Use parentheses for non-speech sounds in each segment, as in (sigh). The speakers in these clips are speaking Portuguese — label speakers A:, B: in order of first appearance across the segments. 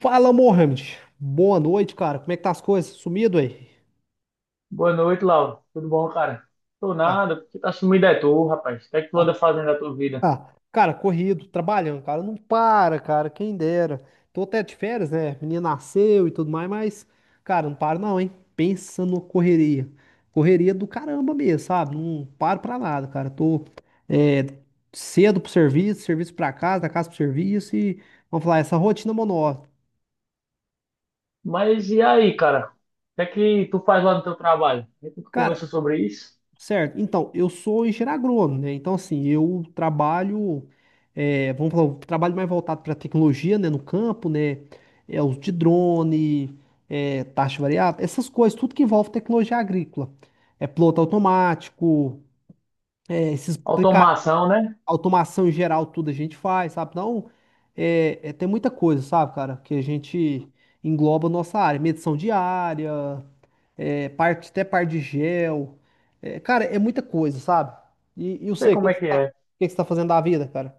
A: Fala, Mohamed. Boa noite, cara. Como é que tá as coisas? Sumido aí?
B: Boa noite, Lauro. Tudo bom, cara? Tô
A: Ué.
B: nada, porque tá sumido é tu, rapaz. O que é que tu anda
A: Ah,
B: fazendo da tua vida?
A: ah. Cara, corrido, trabalhando, cara. Não para, cara. Quem dera. Tô até de férias, né? Menina nasceu e tudo mais, mas, cara, não para não, hein? Pensa numa correria. Correria do caramba mesmo, sabe? Não paro pra nada, cara. Tô é, cedo pro serviço, serviço pra casa, da casa pro serviço e, vamos falar, essa rotina monótona.
B: Mas e aí, cara? O que é que tu faz lá no teu trabalho? A gente
A: Cara,
B: conversou sobre isso.
A: certo. Então, eu sou engenheiro agrônomo, né? Então, assim, eu trabalho, vamos falar, eu trabalho mais voltado para tecnologia, né? No campo, né? É, uso de drone, taxa variável, essas coisas, tudo que envolve tecnologia agrícola. É piloto automático, é esses aplica-
B: Automação, né? Não
A: automação em geral, tudo a gente faz, sabe? Então, tem muita coisa, sabe, cara, que a gente engloba a nossa área, medição diária parte, até par de gel. É, cara, é muita coisa, sabe? E eu
B: sei
A: sei, o
B: como
A: que
B: é
A: que você
B: que
A: tá, o
B: é.
A: que que você tá fazendo da vida, cara?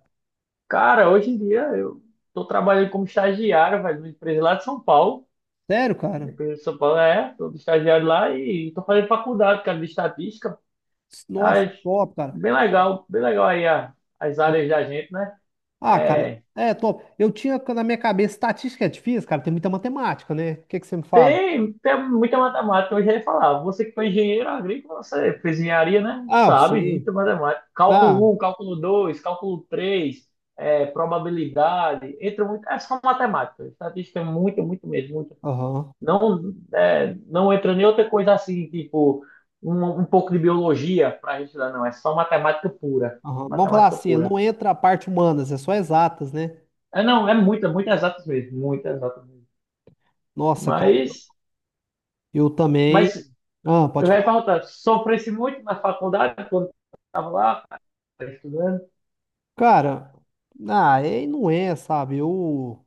B: Cara, hoje em dia eu tô trabalhando como estagiário, velho, numa empresa lá de São Paulo.
A: Sério,
B: Uma
A: cara?
B: empresa de São Paulo, é. Tô de estagiário lá e tô fazendo faculdade, cara, de estatística. Ah,
A: Nossa, top, cara.
B: bem legal aí as
A: Ah,
B: áreas da gente, né?
A: Cara,
B: É,
A: é top. Eu tinha na minha cabeça estatística é difícil, cara, tem muita matemática, né? O que que você me fala?
B: Tem, tem muita matemática, eu já ia falar. Você que foi engenheiro agrícola, você fez engenharia, né?
A: Ah,
B: Sabe,
A: sim.
B: muita matemática.
A: Ah,
B: Cálculo um, cálculo dois, cálculo três, é, probabilidade. Entra muito. É só matemática. Estatística é muito, muito mesmo. Muito.
A: aham,
B: Não, é, não entra nem outra coisa assim, tipo, um, um pouco de biologia para a gente estudar, não. É só matemática pura.
A: aham. Vamos falar
B: Matemática
A: assim,
B: pura.
A: não entra a parte humanas, é só exatas, né?
B: É, não, é muita, muito exatas mesmo. Muita exatas mesmo.
A: Nossa, cara, eu,
B: Mas.
A: eu
B: Mas
A: também.
B: eu
A: Pode
B: ia
A: falar.
B: perguntar, sofresse muito na faculdade quando estava lá, cara, estudando?
A: Cara, aí não é, sabe? Eu.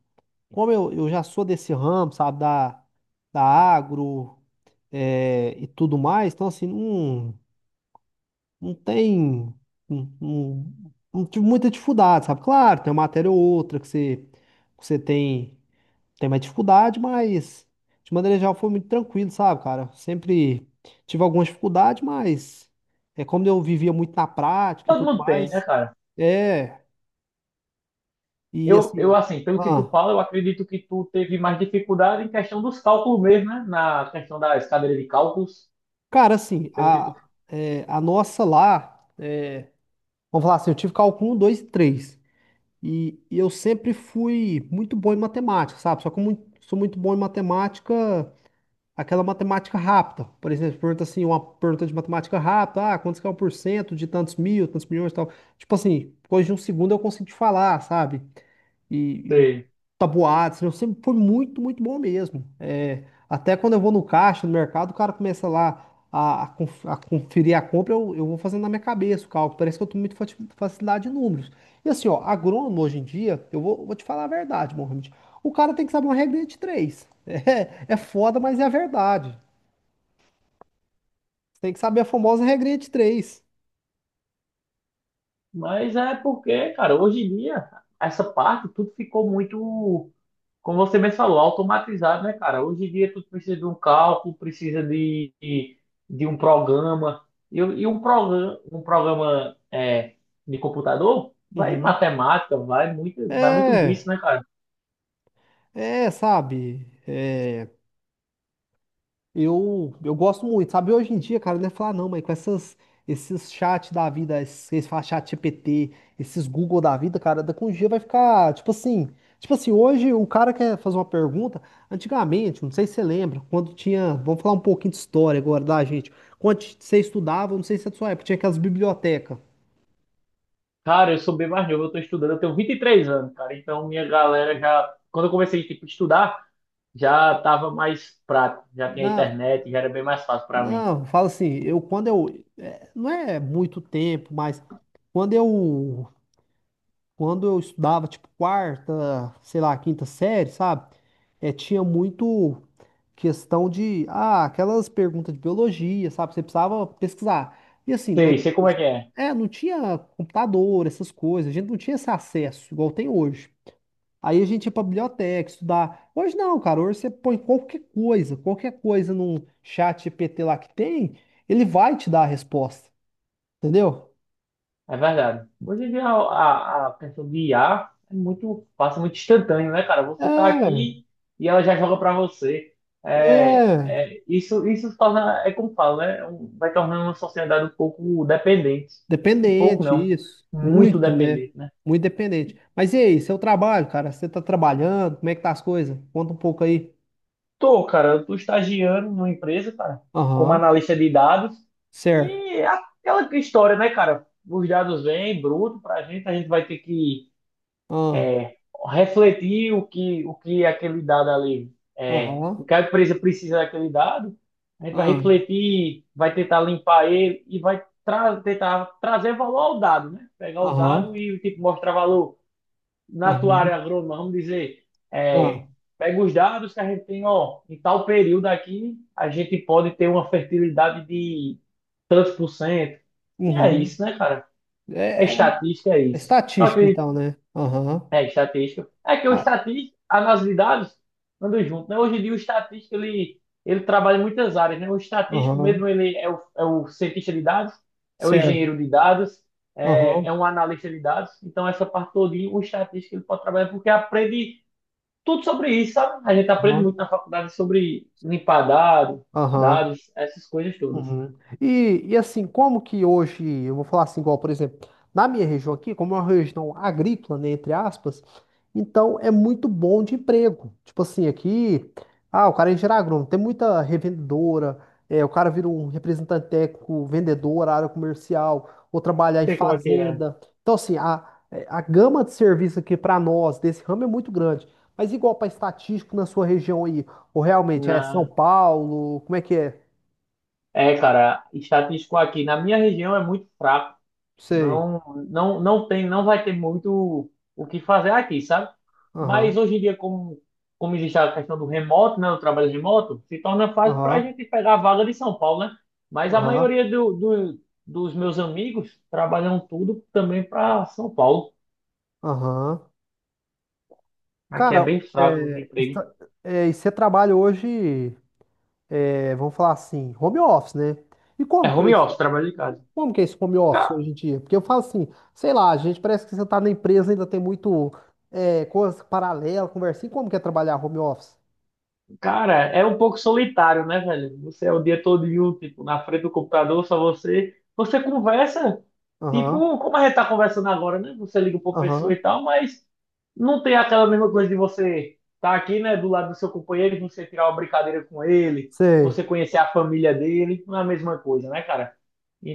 A: Como eu já sou desse ramo, sabe, da agro, e tudo mais, então assim, não tem não, não, não tive muita dificuldade, sabe? Claro, tem uma matéria ou outra que você tem mais dificuldade, mas de maneira geral foi muito tranquilo, sabe, cara? Sempre tive algumas dificuldades, mas é como eu vivia muito na prática e
B: Todo
A: tudo
B: mundo tem, né,
A: mais,
B: cara?
A: é, e
B: Eu,
A: assim.
B: assim, pelo que tu
A: ah,
B: fala, eu acredito que tu teve mais dificuldade em questão dos cálculos mesmo, né? Na questão das cadeiras de cálculos,
A: Cara, assim,
B: pelo que tu
A: a nossa lá, vamos falar assim, eu tive cálculo 1, 2 e 3. E eu sempre fui muito bom em matemática, sabe? Só que eu sou muito bom em matemática, aquela matemática rápida. Por exemplo, pergunta assim, uma pergunta de matemática rápida, quantos que é o por cento de tantos mil, tantos milhões e tal. Tipo assim, depois de um segundo eu consigo te falar, sabe? E,
B: teve.
A: tabuados, eu sempre foi muito, muito bom mesmo. É, até quando eu vou no caixa, no mercado, o cara começa lá a conferir a compra, eu vou fazendo na minha cabeça o cálculo. Parece que eu tenho muita facilidade de números. E assim, ó, agrônomo hoje em dia, eu vou te falar a verdade, Mohamed. O cara tem que saber uma regrinha de três. (laughs) É foda, mas é a verdade. Tem que saber a famosa regrinha de três.
B: Mas é porque, cara, hoje em dia, essa parte tudo ficou muito... Como você mesmo falou, automatizado, né, cara? Hoje em dia tu precisa de um cálculo, precisa de um programa. E, e um programa é, de computador, vai
A: Uhum.
B: matemática, vai muito
A: É,
B: disso, né, cara?
A: é, sabe? É. Eu gosto muito, sabe? Hoje em dia, cara, não é falar não, mas com esses chat da vida, eles falam chat GPT, esses Google da vida, cara, daqui a um dia vai ficar, tipo assim, hoje o cara quer fazer uma pergunta, antigamente, não sei se você lembra, quando tinha, vamos falar um pouquinho de história agora da gente, quando você estudava, não sei se é da sua época, tinha aquelas bibliotecas,
B: Cara, eu sou bem mais novo, eu tô estudando, eu tenho 23 anos, cara. Então minha galera já, quando eu comecei, tipo, a estudar, já tava mais prático, já tinha
A: não,
B: internet, já era bem mais fácil pra mim.
A: não, fala assim, eu quando eu, não é muito tempo, mas quando eu Quando eu estudava, tipo, quarta, sei lá, quinta série, sabe? É, tinha muito questão de, aquelas perguntas de biologia, sabe? Você precisava pesquisar. E assim,
B: Sei, sei como é que é.
A: não tinha computador, essas coisas, a gente não tinha esse acesso, igual tem hoje. Aí a gente ia pra biblioteca estudar. Hoje não, cara, hoje você põe qualquer coisa num chat GPT lá que tem, ele vai te dar a resposta, entendeu?
B: É verdade. Hoje em dia a questão de IA é muito, passa muito instantâneo, né, cara? Você tá
A: É,
B: aqui e ela já joga pra você. É,
A: é.
B: é, isso torna, é como falo, né? Vai tornando uma sociedade um pouco dependente. Um pouco
A: Dependente,
B: não,
A: isso.
B: muito
A: Muito, né?
B: dependente, né?
A: Muito dependente. Mas e aí, seu trabalho, cara? Você tá trabalhando? Como é que tá as coisas? Conta um pouco aí.
B: Tô, cara, eu tô estagiando numa empresa, cara, como
A: Aham,
B: analista de dados.
A: certo.
B: E é aquela história, né, cara? Os dados vêm bruto pra gente, a gente vai ter que,
A: Ah,
B: é, refletir o que aquele dado ali é. O
A: aham,
B: que a empresa precisa daquele dado, a gente vai
A: ah,
B: refletir, vai tentar limpar ele e vai tra tentar trazer valor ao dado, né? Pegar o
A: aham,
B: dado e tipo, mostrar valor na tua
A: aham,
B: área agrônoma, vamos dizer, é,
A: ah,
B: pega os dados que a gente tem, ó, em tal período aqui, a gente pode ter uma fertilidade de tantos por cento. E é
A: uhum.
B: isso, né, cara? É
A: É, é-
B: estatística, é
A: É
B: isso. Eu
A: estatística,
B: acredito,
A: então, né? Aham,
B: é, estatística. É que o
A: ah,
B: estatístico, análise de dados, andam junto, né? Hoje em dia o estatístico, ele trabalha em muitas áreas, né? O estatístico
A: aham,
B: mesmo, ele é o cientista de dados, é o
A: certo.
B: engenheiro de dados, é, é
A: Aham,
B: um analista de dados. Então, essa parte todinha, o estatístico, ele pode trabalhar porque aprende tudo sobre isso, sabe? A gente aprende
A: aham,
B: muito na faculdade sobre limpar dado,
A: aham.
B: dados, essas coisas todas.
A: Uhum. E assim, como que hoje, eu vou falar assim, igual, por exemplo, na minha região aqui, como é uma região agrícola, né, entre aspas, então é muito bom de emprego. Tipo assim, aqui, o cara é engenheiro agrônomo, tem muita revendedora, o cara vira um representante técnico, vendedor, área comercial, ou trabalhar
B: Não
A: em
B: sei como é que é.
A: fazenda. Então, assim, a gama de serviço aqui para nós, desse ramo, é muito grande. Mas igual para estatístico na sua região aí, ou realmente é São
B: Na...
A: Paulo, como é que é?
B: É, cara, estatístico aqui na minha região é muito fraco.
A: Sei.
B: Não, não, tem, não vai ter muito o que fazer aqui, sabe? Mas
A: Aham,
B: hoje em dia, como, como existe a questão do remoto, né, do trabalho remoto, se torna fácil para a
A: aham,
B: gente pegar a vaga de São Paulo, né? Mas a
A: aham,
B: maioria dos meus amigos trabalham tudo também para São Paulo.
A: aham.
B: Aqui é
A: Cara,
B: bem fraco de
A: é,
B: emprego.
A: está- e você trabalha hoje, vamos falar assim, home office, né? E
B: É
A: como que é
B: home
A: esse,
B: office, trabalho de casa.
A: como que é esse home office hoje em dia? Porque eu falo assim, sei lá, a gente parece que você tá na empresa ainda tem muito coisa paralela, conversinha. Como que é trabalhar home office?
B: Cara, é um pouco solitário, né, velho? Você é o dia todo, tipo, na frente do computador, só você. Você conversa,
A: Aham,
B: tipo, como a gente tá conversando agora, né? Você liga pra pessoa e
A: aham,
B: tal, mas não tem aquela mesma coisa de você estar aqui, né, do lado do seu companheiro, e você tirar uma brincadeira com ele, você
A: sei.
B: conhecer a família dele, não é a mesma coisa, né, cara?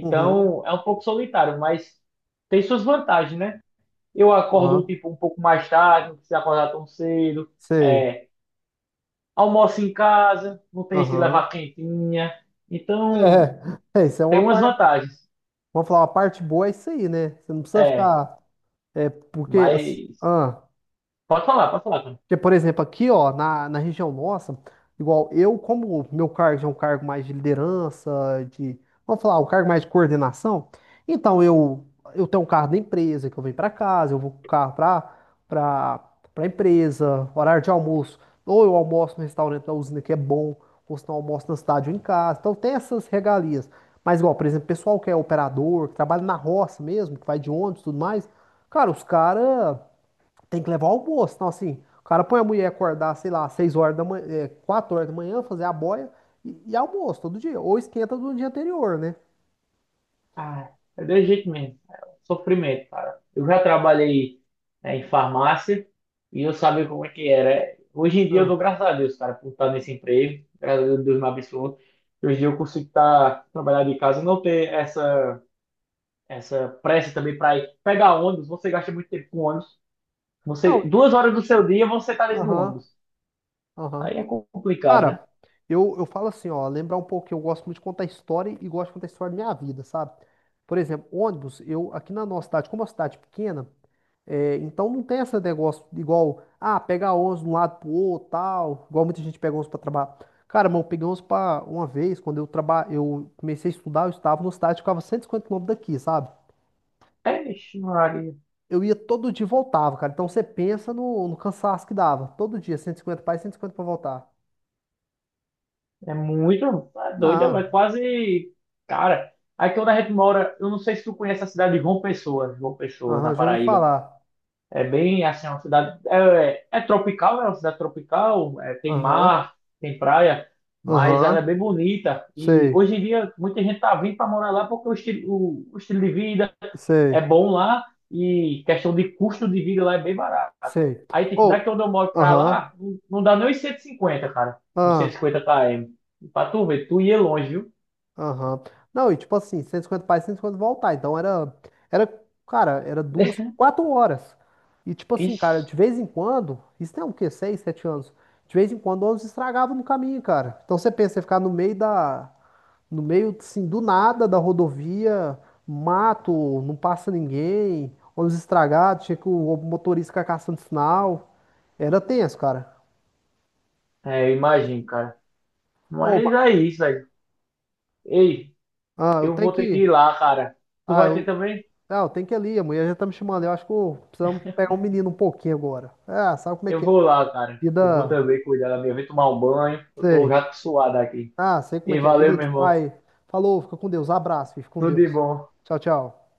A: Uhum,
B: é um pouco solitário, mas tem suas vantagens, né? Eu acordo,
A: aham,
B: tipo, um pouco mais tarde, não precisa acordar tão cedo.
A: sei.
B: É, almoça em casa, não tem se levar
A: Aham.
B: quentinha. Então,
A: É, é, isso é
B: tem
A: uma
B: umas
A: parte,
B: vantagens.
A: vamos falar, uma parte boa é isso aí, né? Você não precisa
B: É,
A: ficar. É porque, as-
B: mas
A: ah,
B: pode falar, cara.
A: Porque, por exemplo, aqui, ó, na região nossa, igual eu, como meu cargo já é um cargo mais de liderança, de, vamos falar, um cargo mais de coordenação, então eu tenho um carro da empresa que eu venho para casa, eu vou com o carro para para empresa, horário de almoço, ou eu almoço no restaurante da usina que é bom, ou se não almoço na cidade ou em casa, então tem essas regalias. Mas, igual, por exemplo, pessoal que é operador, que trabalha na roça mesmo, que vai de ônibus e tudo mais, cara, os caras. Tem que levar o almoço. Então, assim, o cara põe a mulher acordar, sei lá, 6 horas da manhã, é, 4 horas da manhã, fazer a boia e almoço todo dia. Ou esquenta do dia anterior, né?
B: Ah, é desse jeito mesmo. É um sofrimento, cara. Eu já trabalhei, é, em farmácia e eu sabia como é que era. Hoje em dia eu
A: Ah,
B: dou graças a Deus, cara, por estar nesse emprego. Graças a Deus me abençoou. Hoje em dia eu consigo estar trabalhando de casa, não ter essa pressa também para ir pegar ônibus. Você gasta muito tempo com ônibus. Você,
A: Não,
B: 2 horas do seu dia você está dentro do
A: aham,
B: ônibus.
A: aham.
B: Aí é complicado, né?
A: Cara, eu falo assim, ó, lembrar um pouco que eu gosto muito de contar história e gosto de contar história da minha vida, sabe? Por exemplo, ônibus, eu aqui na nossa cidade, como é uma cidade pequena, é, então não tem esse negócio de igual, pegar 11 de um lado pro outro, tal, igual muita gente pega 11 pra trabalhar. Cara, mas eu peguei 11 pra uma vez, quando eu comecei a estudar, eu estava no estádio, ficava 150 km daqui, sabe?
B: É, ixi, Maria,
A: Eu ia todo dia e voltava, cara. Então você pensa no cansaço que dava. Todo dia, 150 pra ir, 150 pra voltar.
B: é muito, é doido, é
A: Não,
B: quase, cara. Aí que onde a gente mora, eu não sei se tu conhece a cidade de João Pessoa, João Pessoa, na
A: aham, já ouvi
B: Paraíba.
A: falar.
B: É bem assim, é uma cidade. É, é tropical, né? É uma cidade tropical, é, tem
A: Aham,
B: mar, tem praia, mas ela é
A: aham,
B: bem bonita. E
A: sei,
B: hoje em dia, muita gente tá vindo para morar lá porque o estilo, o estilo de vida
A: sei,
B: é bom lá, e questão de custo de vida lá é bem barato.
A: sei.
B: Aí, tipo, daqui
A: Ou,
B: onde eu moro para
A: aham,
B: lá, não, não dá nem os 150, cara. Uns 150
A: ah
B: km. Pra tu ver, tu ia longe, viu?
A: Aham. Não, e tipo assim, 150 para e 150 voltar. Então era, cara, era duas,
B: (laughs)
A: quatro horas. E tipo assim,
B: Ixi,
A: cara, de vez em quando, isso tem o quê? 6, 7 anos. De vez em quando o ônibus estragava no caminho, cara. Então você pensa, você ficar no meio da, no meio, assim, do nada da rodovia, mato, não passa ninguém, ônibus estragado, tinha que o motorista ficar caçando sinal. Era tenso, cara.
B: é, eu imagino, cara.
A: Ô,
B: Mas é isso, velho. Ei.
A: eu
B: Eu
A: tenho
B: vou ter que ir
A: que,
B: lá, cara. Tu vai ter
A: eu.
B: também?
A: Não, tem que ir ali. A mulher já tá me chamando. Eu acho que precisamos pegar um menino um pouquinho agora. Sabe como é
B: Eu
A: que é,
B: vou
A: né?
B: lá, cara. Eu vou
A: Vida.
B: também cuidar da minha vida, tomar um banho. Eu tô
A: Sei.
B: já suado aqui.
A: Sei como é
B: E
A: que é.
B: valeu,
A: Vida de
B: meu irmão.
A: pai. Falou, fica com Deus. Abraço, fica com
B: Tudo de
A: Deus.
B: bom.
A: Tchau, tchau.